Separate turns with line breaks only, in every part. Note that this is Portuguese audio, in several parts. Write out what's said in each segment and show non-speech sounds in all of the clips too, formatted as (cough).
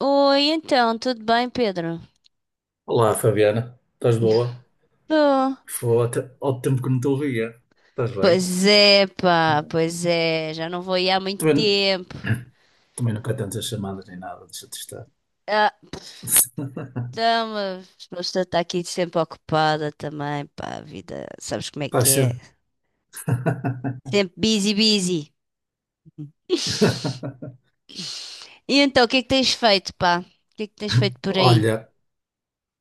Oi, então, tudo bem, Pedro?
Olá, Fabiana. Estás boa?
Tô.
Foi até ao tempo que não te ouvia. Estás bem?
Pois é, pá, pois é, já não vou ir há muito
Também,
tempo.
também, nunca tantas chamadas nem nada, deixa-te estar.
Ah, então, a pessoa está aqui sempre ocupada também, pá, a vida, sabes como é
Está
que
cedo.
é? Sempre busy, busy. (laughs)
(laughs)
E então, o que é que tens feito, pá? O que é que tens feito por aí?
Olha,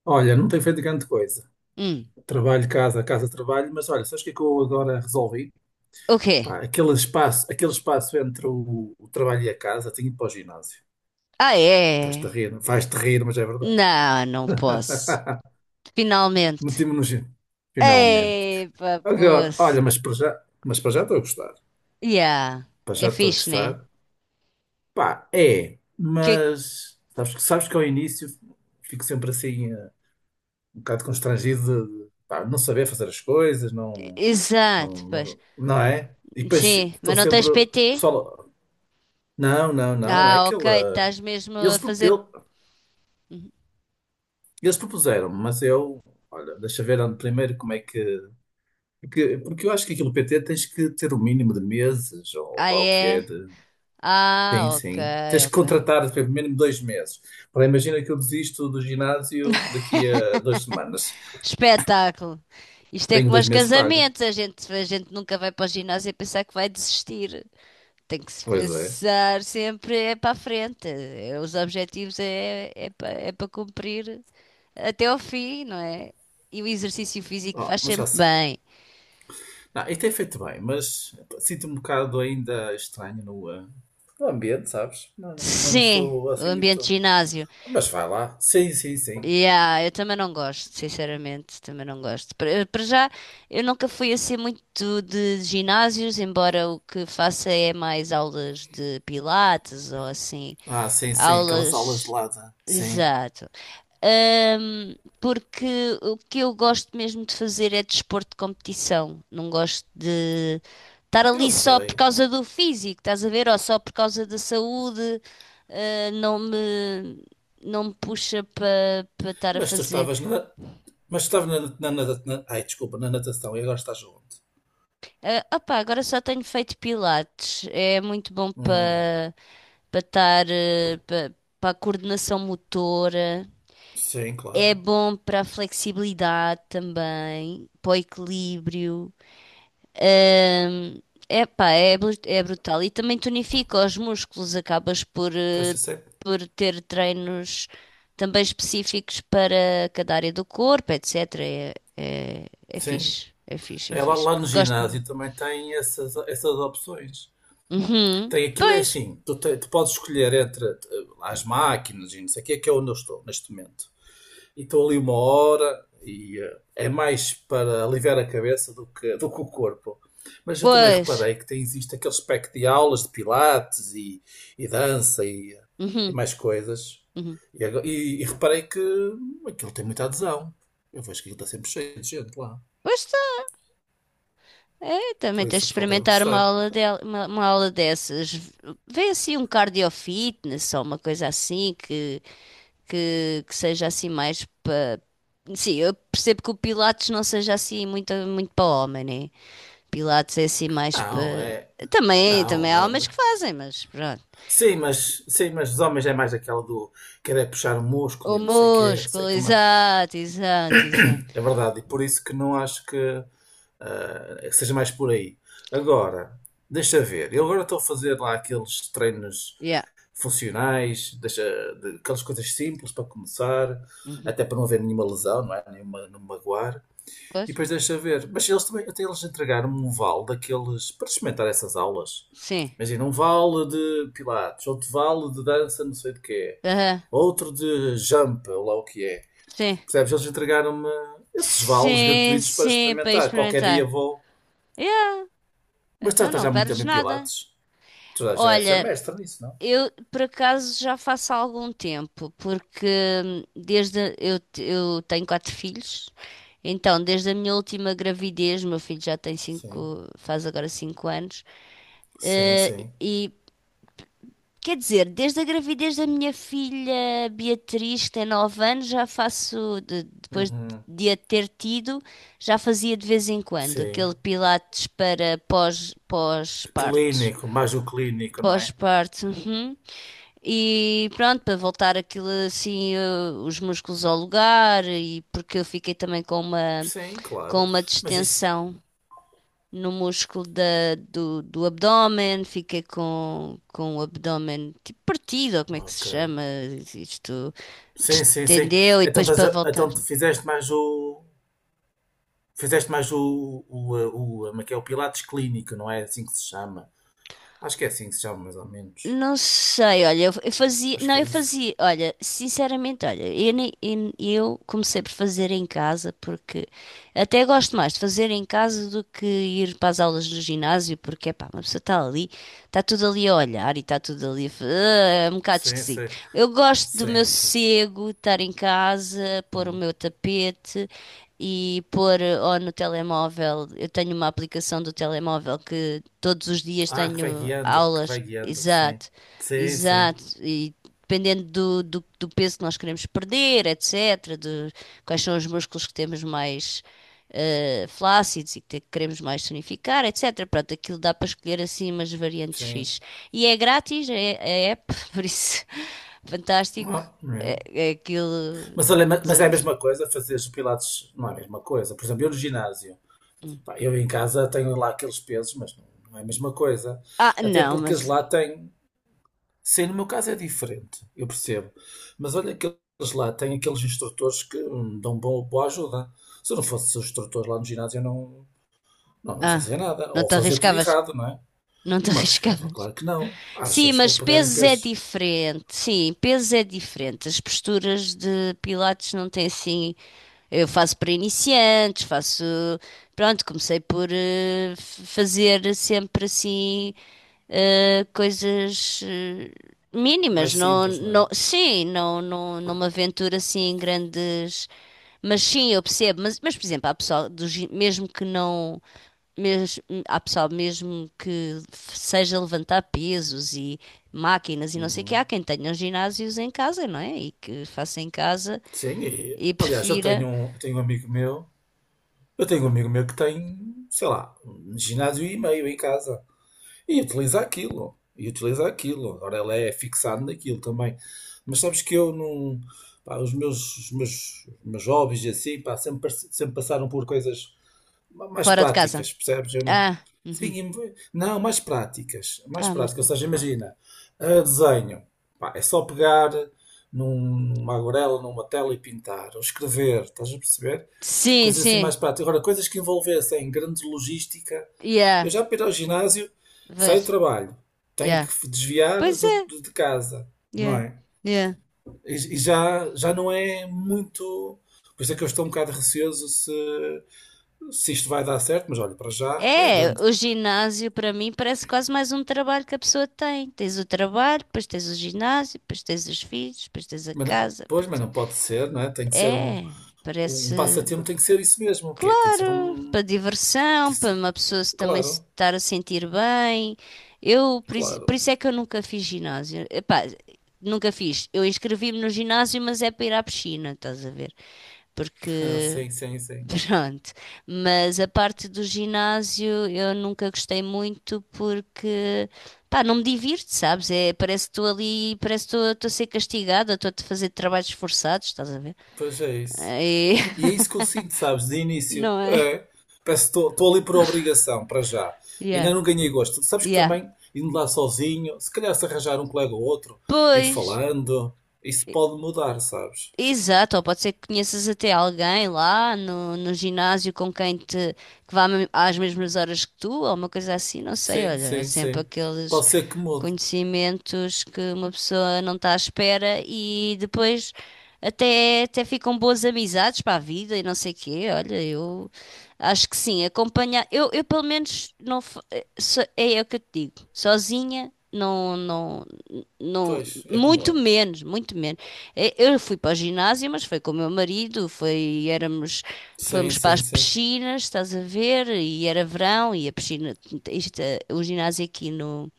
olha, não tenho feito grande coisa.
Hum,
Trabalho, casa, casa, trabalho, mas olha, sabes o que é que eu agora resolvi?
o quê?
Pá, aquele espaço entre o trabalho e a casa, tenho ido para o ginásio.
Ah,
Estás-te a
é?
rir, vais-te rir, mas é verdade.
Não, não posso.
(laughs)
Finalmente.
Meti-me no ginásio. Finalmente.
Ei, pá,
Agora,
poço.
olha, mas para já estou a gostar.
Yeah,
Pá,
é
já estou a
fixe, né?
gostar. Pá, é,
Que...
mas sabes, sabes que ao início fico sempre assim um bocado constrangido de, pá, não saber fazer as coisas, não,
Exato,
não,
pois.
não, não é? E depois
Sim,
estão
mas não
sempre,
tens
o
PT?
pessoal, não, não, não, é
Ah, ok,
aquela.
estás mesmo a
Eles, pro-
fazer.
ele- eles propuseram, mas eu, olha, deixa ver ando primeiro como é que. Porque eu acho que aquilo PT tens que ter o mínimo de meses, ou
Ah,
lá o que é.
é?
Sim,
Ah, ok,
sim. Tens que
ok.
contratar pelo mínimo 2 meses. Ora, imagina que eu desisto do ginásio daqui a 2 semanas.
Espetáculo. Isto é
Tenho
como
dois
aos
meses pagos.
casamentos, a gente nunca vai para o ginásio e pensar que vai desistir. Tem que se
Pois é.
pensar sempre é para a frente. Os objetivos é para cumprir até ao fim, não é? E o exercício físico
Oh,
faz
mas já
sempre
sei.
bem.
Não, e tem feito bem, mas sinto-me um bocado ainda estranho no ambiente, sabes? Não, não, não
Sim,
estou
o
assim
ambiente de
muito.
ginásio.
Mas vai lá. Sim, sim, sim.
Yeah, eu também não gosto, sinceramente, também não gosto. Para já, eu nunca fui assim muito de ginásios, embora o que faça é mais aulas de pilates ou assim,
Ah, sim, sim. Aquelas aulas de
aulas.
lata. Sim.
Exato. Porque o que eu gosto mesmo de fazer é desporto de competição. Não gosto de estar
Eu
ali só por
sei.
causa do físico, estás a ver? Ou só por causa da saúde. Ah, não me, não me puxa para estar a
Mas tu
fazer.
estavas na. Mas tu estavas na, na, na, na- Ai, desculpa, na natação e agora estás onde?
Ah, opá, agora só tenho feito pilates. É muito bom
Hum,
para estar para para a coordenação motora.
sim,
É
claro.
bom para a flexibilidade também, para o equilíbrio. Ahm, epá, é, é brutal. E também tonifica os músculos, acabas por,
Pois eu sei.
por ter treinos também específicos para cada área do corpo, etc. É
Sim.
fixe, é fixe, é
É lá,
fixe.
lá no
Gosto-me.
ginásio também tem essas opções.
Uhum.
Tem aquilo é
Pois,
assim, tu podes escolher entre as máquinas e não sei o que é onde eu estou neste momento. E estou ali uma hora e é mais para aliviar a cabeça do que o corpo. Mas eu também
pois.
reparei que tem, existe aquele espectro de aulas de pilates e dança e
Uhum.
mais coisas.
Uhum.
E reparei que aquilo tem muita adesão. Eu vejo que aquilo está sempre cheio de gente lá.
Pois está, é,
Por
também tens
isso
de
o pessoal deve
experimentar uma
gostar.
aula, uma aula dessas. Vê assim um cardio fitness ou uma coisa assim que seja assim mais para. Sim, eu percebo que o Pilates não seja assim muito, muito para homem, né? Pilates é assim mais
Não,
para.
é.
Também,
Não,
também há homens que
não-
fazem, mas pronto.
Sim, mas os homens é mais aquela do querer puxar o músculo
O
e não sei o quê, não sei o
músculo,
que mais.
exato, exato, exato.
É verdade, e por isso que não acho que, seja mais por aí. Agora, deixa ver, eu agora estou a fazer lá aqueles treinos
Yeah.
funcionais, aquelas coisas simples para começar,
Uhum.
até para não haver nenhuma lesão, não é? Nenhuma, não me magoar. E
Pois?
depois deixa ver. Mas eles também, até eles entregaram um vale daqueles para experimentar essas aulas.
Sim.
Imagina, um vale de pilates, outro vale de dança, não sei de quê,
Aham.
outro de jump, ou lá o que é.
Sim.
Percebes? Eles entregaram-me esses vales
Sim,
gratuitos para
sim, para
experimentar. Qualquer dia
experimentar.
vou.
Yeah.
Mas estás
Então
tá já
não
há muito
perdes
tempo em
nada.
pilates. Tu já deves ser
Olha,
mestre nisso, não?
eu, por acaso, já faço há algum tempo, porque eu tenho 4 filhos, então desde a minha última gravidez, meu filho já tem
Sim,
5, faz agora 5 anos,
sim,
eh,
sim.
e quer dizer, desde a gravidez da minha filha Beatriz, que tem 9 anos, já faço, depois
Uhum.
de a ter tido, já fazia de vez em quando
Sim.
aquele pilates para pós, pós-parto.
Clínico, mais o clínico, não é?
Pós-parto, uhum. E pronto, para voltar aquilo assim, os músculos ao lugar, e porque eu fiquei também
Sim,
com
claro.
uma
Mas isso.
distensão no músculo do abdómen, fiquei com o abdómen tipo partido, ou como é que se
Ok.
chama? Isto
Sim, sim, sim.
distendeu e
Então,
depois
estás
para
a-
voltar.
então tu fizeste mais o. Fizeste mais o, como é que é? O Pilates Clínico, não é assim que se chama? Acho que é assim que se chama, mais ou menos.
Não sei, olha, eu fazia,
Acho
não,
que é
eu
isso.
fazia, olha, sinceramente, olha, eu, nem- eu comecei por fazer em casa porque até gosto mais de fazer em casa do que ir para as aulas do ginásio, porque, pá, uma pessoa está ali, está tudo ali a olhar e está tudo ali a, é um bocado
Sim, sim.
esquisito. Eu gosto do meu
Sim, sim.
sossego, estar em casa, pôr o
Hum.
meu tapete e pôr ou no telemóvel, eu tenho uma aplicação do telemóvel que todos os dias
Ah,
tenho
que vai
aulas.
guiando, sim.
Exato,
Sim, sim.
exato. E dependendo do peso que nós queremos perder, etc., de quais são os músculos que temos mais flácidos e queremos mais tonificar, etc. Pronto, aquilo dá para escolher assim umas variantes
Sim.
fixe. E é grátis, é, é app, (laughs) por isso, fantástico.
Ah,
É,
é.
é aquilo.
Mas, olha, mas é a
desanos-
mesma coisa fazer os pilates, não é a mesma coisa. Por exemplo, eu no ginásio,
Hum.
pá, eu em casa tenho lá aqueles pesos, mas não, não é a mesma coisa.
Ah,
Até
não,
porque eles
mas.
lá têm. Sim, no meu caso é diferente, eu percebo. Mas olha que eles lá têm aqueles instrutores que dão boa ajuda. Se eu não fosse o instrutor lá no ginásio, eu não
Ah,
fazia nada.
não
Ou
te
fazia tudo
arriscavas.
errado, não é?
Não te (laughs)
Não me arriscava,
arriscavas.
claro que não.
Sim,
Achas que vou
mas
pegar em
pesos é
pesos
diferente. Sim, pesos é diferente. As posturas de Pilates não têm assim. Eu faço para iniciantes, faço. Pronto, comecei por fazer sempre assim coisas
mais
mínimas,
simples, não é?
não me aventuro assim em grandes. Mas sim, eu percebo. Mas por exemplo, há pessoal mesmo que não. Mesmo, há pessoal mesmo seja levantar pesos e máquinas e não sei o que,
Uhum.
há quem tenha ginásios em casa, não é? E que faça em casa
Sim, e,
e
aliás,
prefira.
eu tenho um amigo meu que tem, sei lá, um ginásio e meio em casa. E utiliza aquilo. E utiliza aquilo. Agora ela é fixada naquilo também. Mas sabes que eu não. Pá, os meus hobbies e assim, pá, sempre passaram por coisas mais
Fora de casa.
práticas, percebes? Eu não.
Ah,
Sim,
uhum.
não, mais práticas. Mais
Ah, mais
práticas. Ou
perto.
seja, imagina, desenho. Pá, é só pegar numa aguarela, numa tela e pintar. Ou escrever, estás a perceber?
Sim,
Coisas assim mais
sim.
práticas. Agora, coisas que envolvessem grande logística.
Yeah,
Eu já para ir ao ginásio, saio do
vejo.
trabalho, tenho
Yeah.
que desviar
Pois
do-
é.
do- de casa, não
Yeah,
é?
yeah.
E, já não é muito. Por isso é que eu estou um bocado receoso se isto vai dar certo, mas olha, para já vai
É,
andando.
o ginásio para mim parece quase mais um trabalho que a pessoa tem. Tens o trabalho, depois tens o ginásio, depois tens os filhos, depois tens a casa.
Pois, mas não pode ser, não é? Tem que ser um,
É,
um
parece.
passatempo, tem que ser isso mesmo, o quê? Tem que ser
Claro,
um.
para
Tem
diversão,
que
para
ser-
uma pessoa se também se
Claro,
estar a sentir bem. Eu, por
claro.
isso é que eu nunca fiz ginásio. Epá, nunca fiz. Eu inscrevi-me no ginásio, mas é para ir à piscina, estás a ver?
(laughs) Ah,
Porque,
sim, sim, sim.
(laughs) pronto. Mas a parte do ginásio eu nunca gostei muito porque, pá, não me divirto, sabes? É, parece que estou ali, parece que estou a ser castigada, estou a fazer trabalhos forçados, estás a ver?
Pois é isso.
É,
E é
(laughs)
isso que eu sinto, sabes, de início.
não é?
É. Parece que estou ali por obrigação, para já.
Yeah,
Ainda não ganhei gosto. Sabes que
yeah.
também, indo lá sozinho, se calhar se arranjar um colega ou outro, ir
Pois,
falando, isso
e-
pode mudar, sabes?
exato, ou pode ser que conheças até alguém lá no ginásio com quem te, às mesmas horas que tu, ou uma coisa assim, não sei,
Sim,
olha, há
sim,
sempre
sim.
aqueles
Pode ser que mude.
conhecimentos que uma pessoa não está à espera e depois até ficam boas amizades para a vida e não sei quê, olha, eu acho que sim, acompanhar, eu pelo menos não, fa- eh, so- é é o que eu te digo, sozinha, não, não, não,
Pois, é como
muito
eu.
menos, muito menos. Eu fui para o ginásio, mas foi com o meu marido, foi, éramos,
Sim,
fomos para as
sim, sim.
piscinas, estás a ver? E era verão e a piscina, isto, o ginásio aqui no,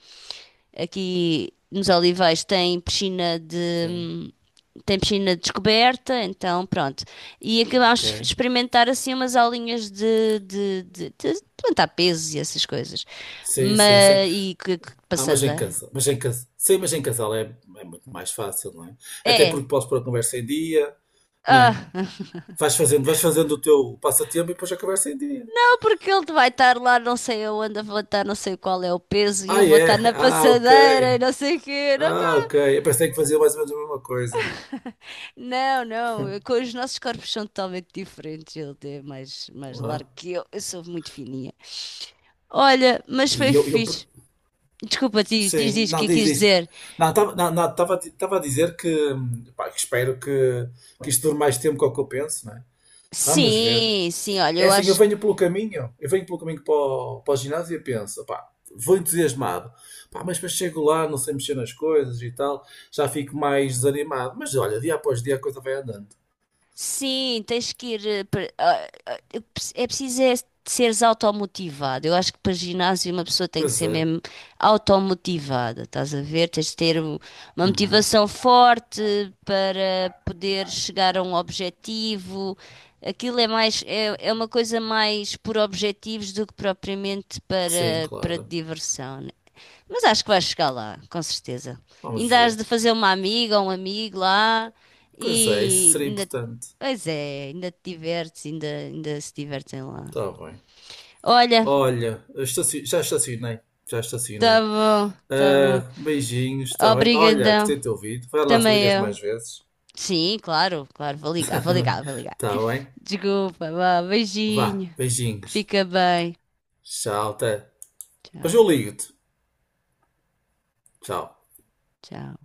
aqui nos Olivais tem
Sim,
tem piscina descoberta, então pronto. E acabámos
ok.
de experimentar assim umas aulinhas de levantar pesos e essas coisas.
Sim, sim, sim.
Mas, que
Ah, mas em
passada.
casa, mas em casa. Sim, mas em casal é muito mais fácil, não é? Até
É.
porque podes pôr a conversa em dia, não é?
Ah.
Vais fazendo o teu passatempo e depois a conversa em dia.
(laughs) Porque ele vai estar lá, não sei aonde, eu vou estar, não sei qual é o peso, e eu
Ah,
vou
é?
estar na
Ah, ok.
passadeira e não sei o quê.
Ah, ok. Eu pensei que fazia mais ou menos a mesma coisa.
(laughs) Não, não, eu- com os nossos corpos são totalmente diferentes. Ele é mais, mais largo
Ah,
que eu sou muito fininha. Olha, mas foi
e eu,
fixe. Desculpa, diz, diz,
sim.
diz o
Não,
que é que
diz,
quis
diz.
dizer.
Não, estava não, não, tava, a di- tava a dizer que, pá, que espero que isto dure mais tempo que o que eu penso, não é? Vamos ver.
Sim, sim, olha,
É
eu
assim, eu
acho.
venho pelo caminho, eu venho pelo caminho para o ginásio e penso, pá, vou entusiasmado. Pá, mas depois chego lá, não sei mexer nas coisas e tal, já fico mais desanimado. Mas olha, dia após dia a coisa vai andando.
Sim, tens que ir. É preciso é seres automotivado. Eu acho que para ginásio uma pessoa tem que
Pois
ser
é.
mesmo automotivada, estás a ver? Tens de ter um- uma motivação forte para poder chegar a um objetivo. Aquilo é, é uma coisa mais por objetivos do que propriamente
Sim,
para
claro.
diversão, mas acho que vais chegar lá, com certeza.
Vamos
Ainda has de
ver.
fazer uma amiga ou um amigo lá
Pois é, isso
e
seria
ainda,
importante.
pois é, ainda te divertes, ainda, ainda se divertem lá.
Está bem.
Olha,
Olha, eu já estacionei. Já
tá
estacionei.
bom, tá bom.
Ah, beijinhos, está bem? Olha, gostei
Obrigadão.
de te ouvir. Vai lá se
Também
ligas mais
eu.
vezes.
Sim, claro, claro,
(laughs)
vou ligar.
Está bem?
Desculpa, vá,
Vá,
beijinho.
beijinhos.
Fica bem.
Tchau, até. Depois
Tchau,
eu ligo-te. Tchau.
tchau.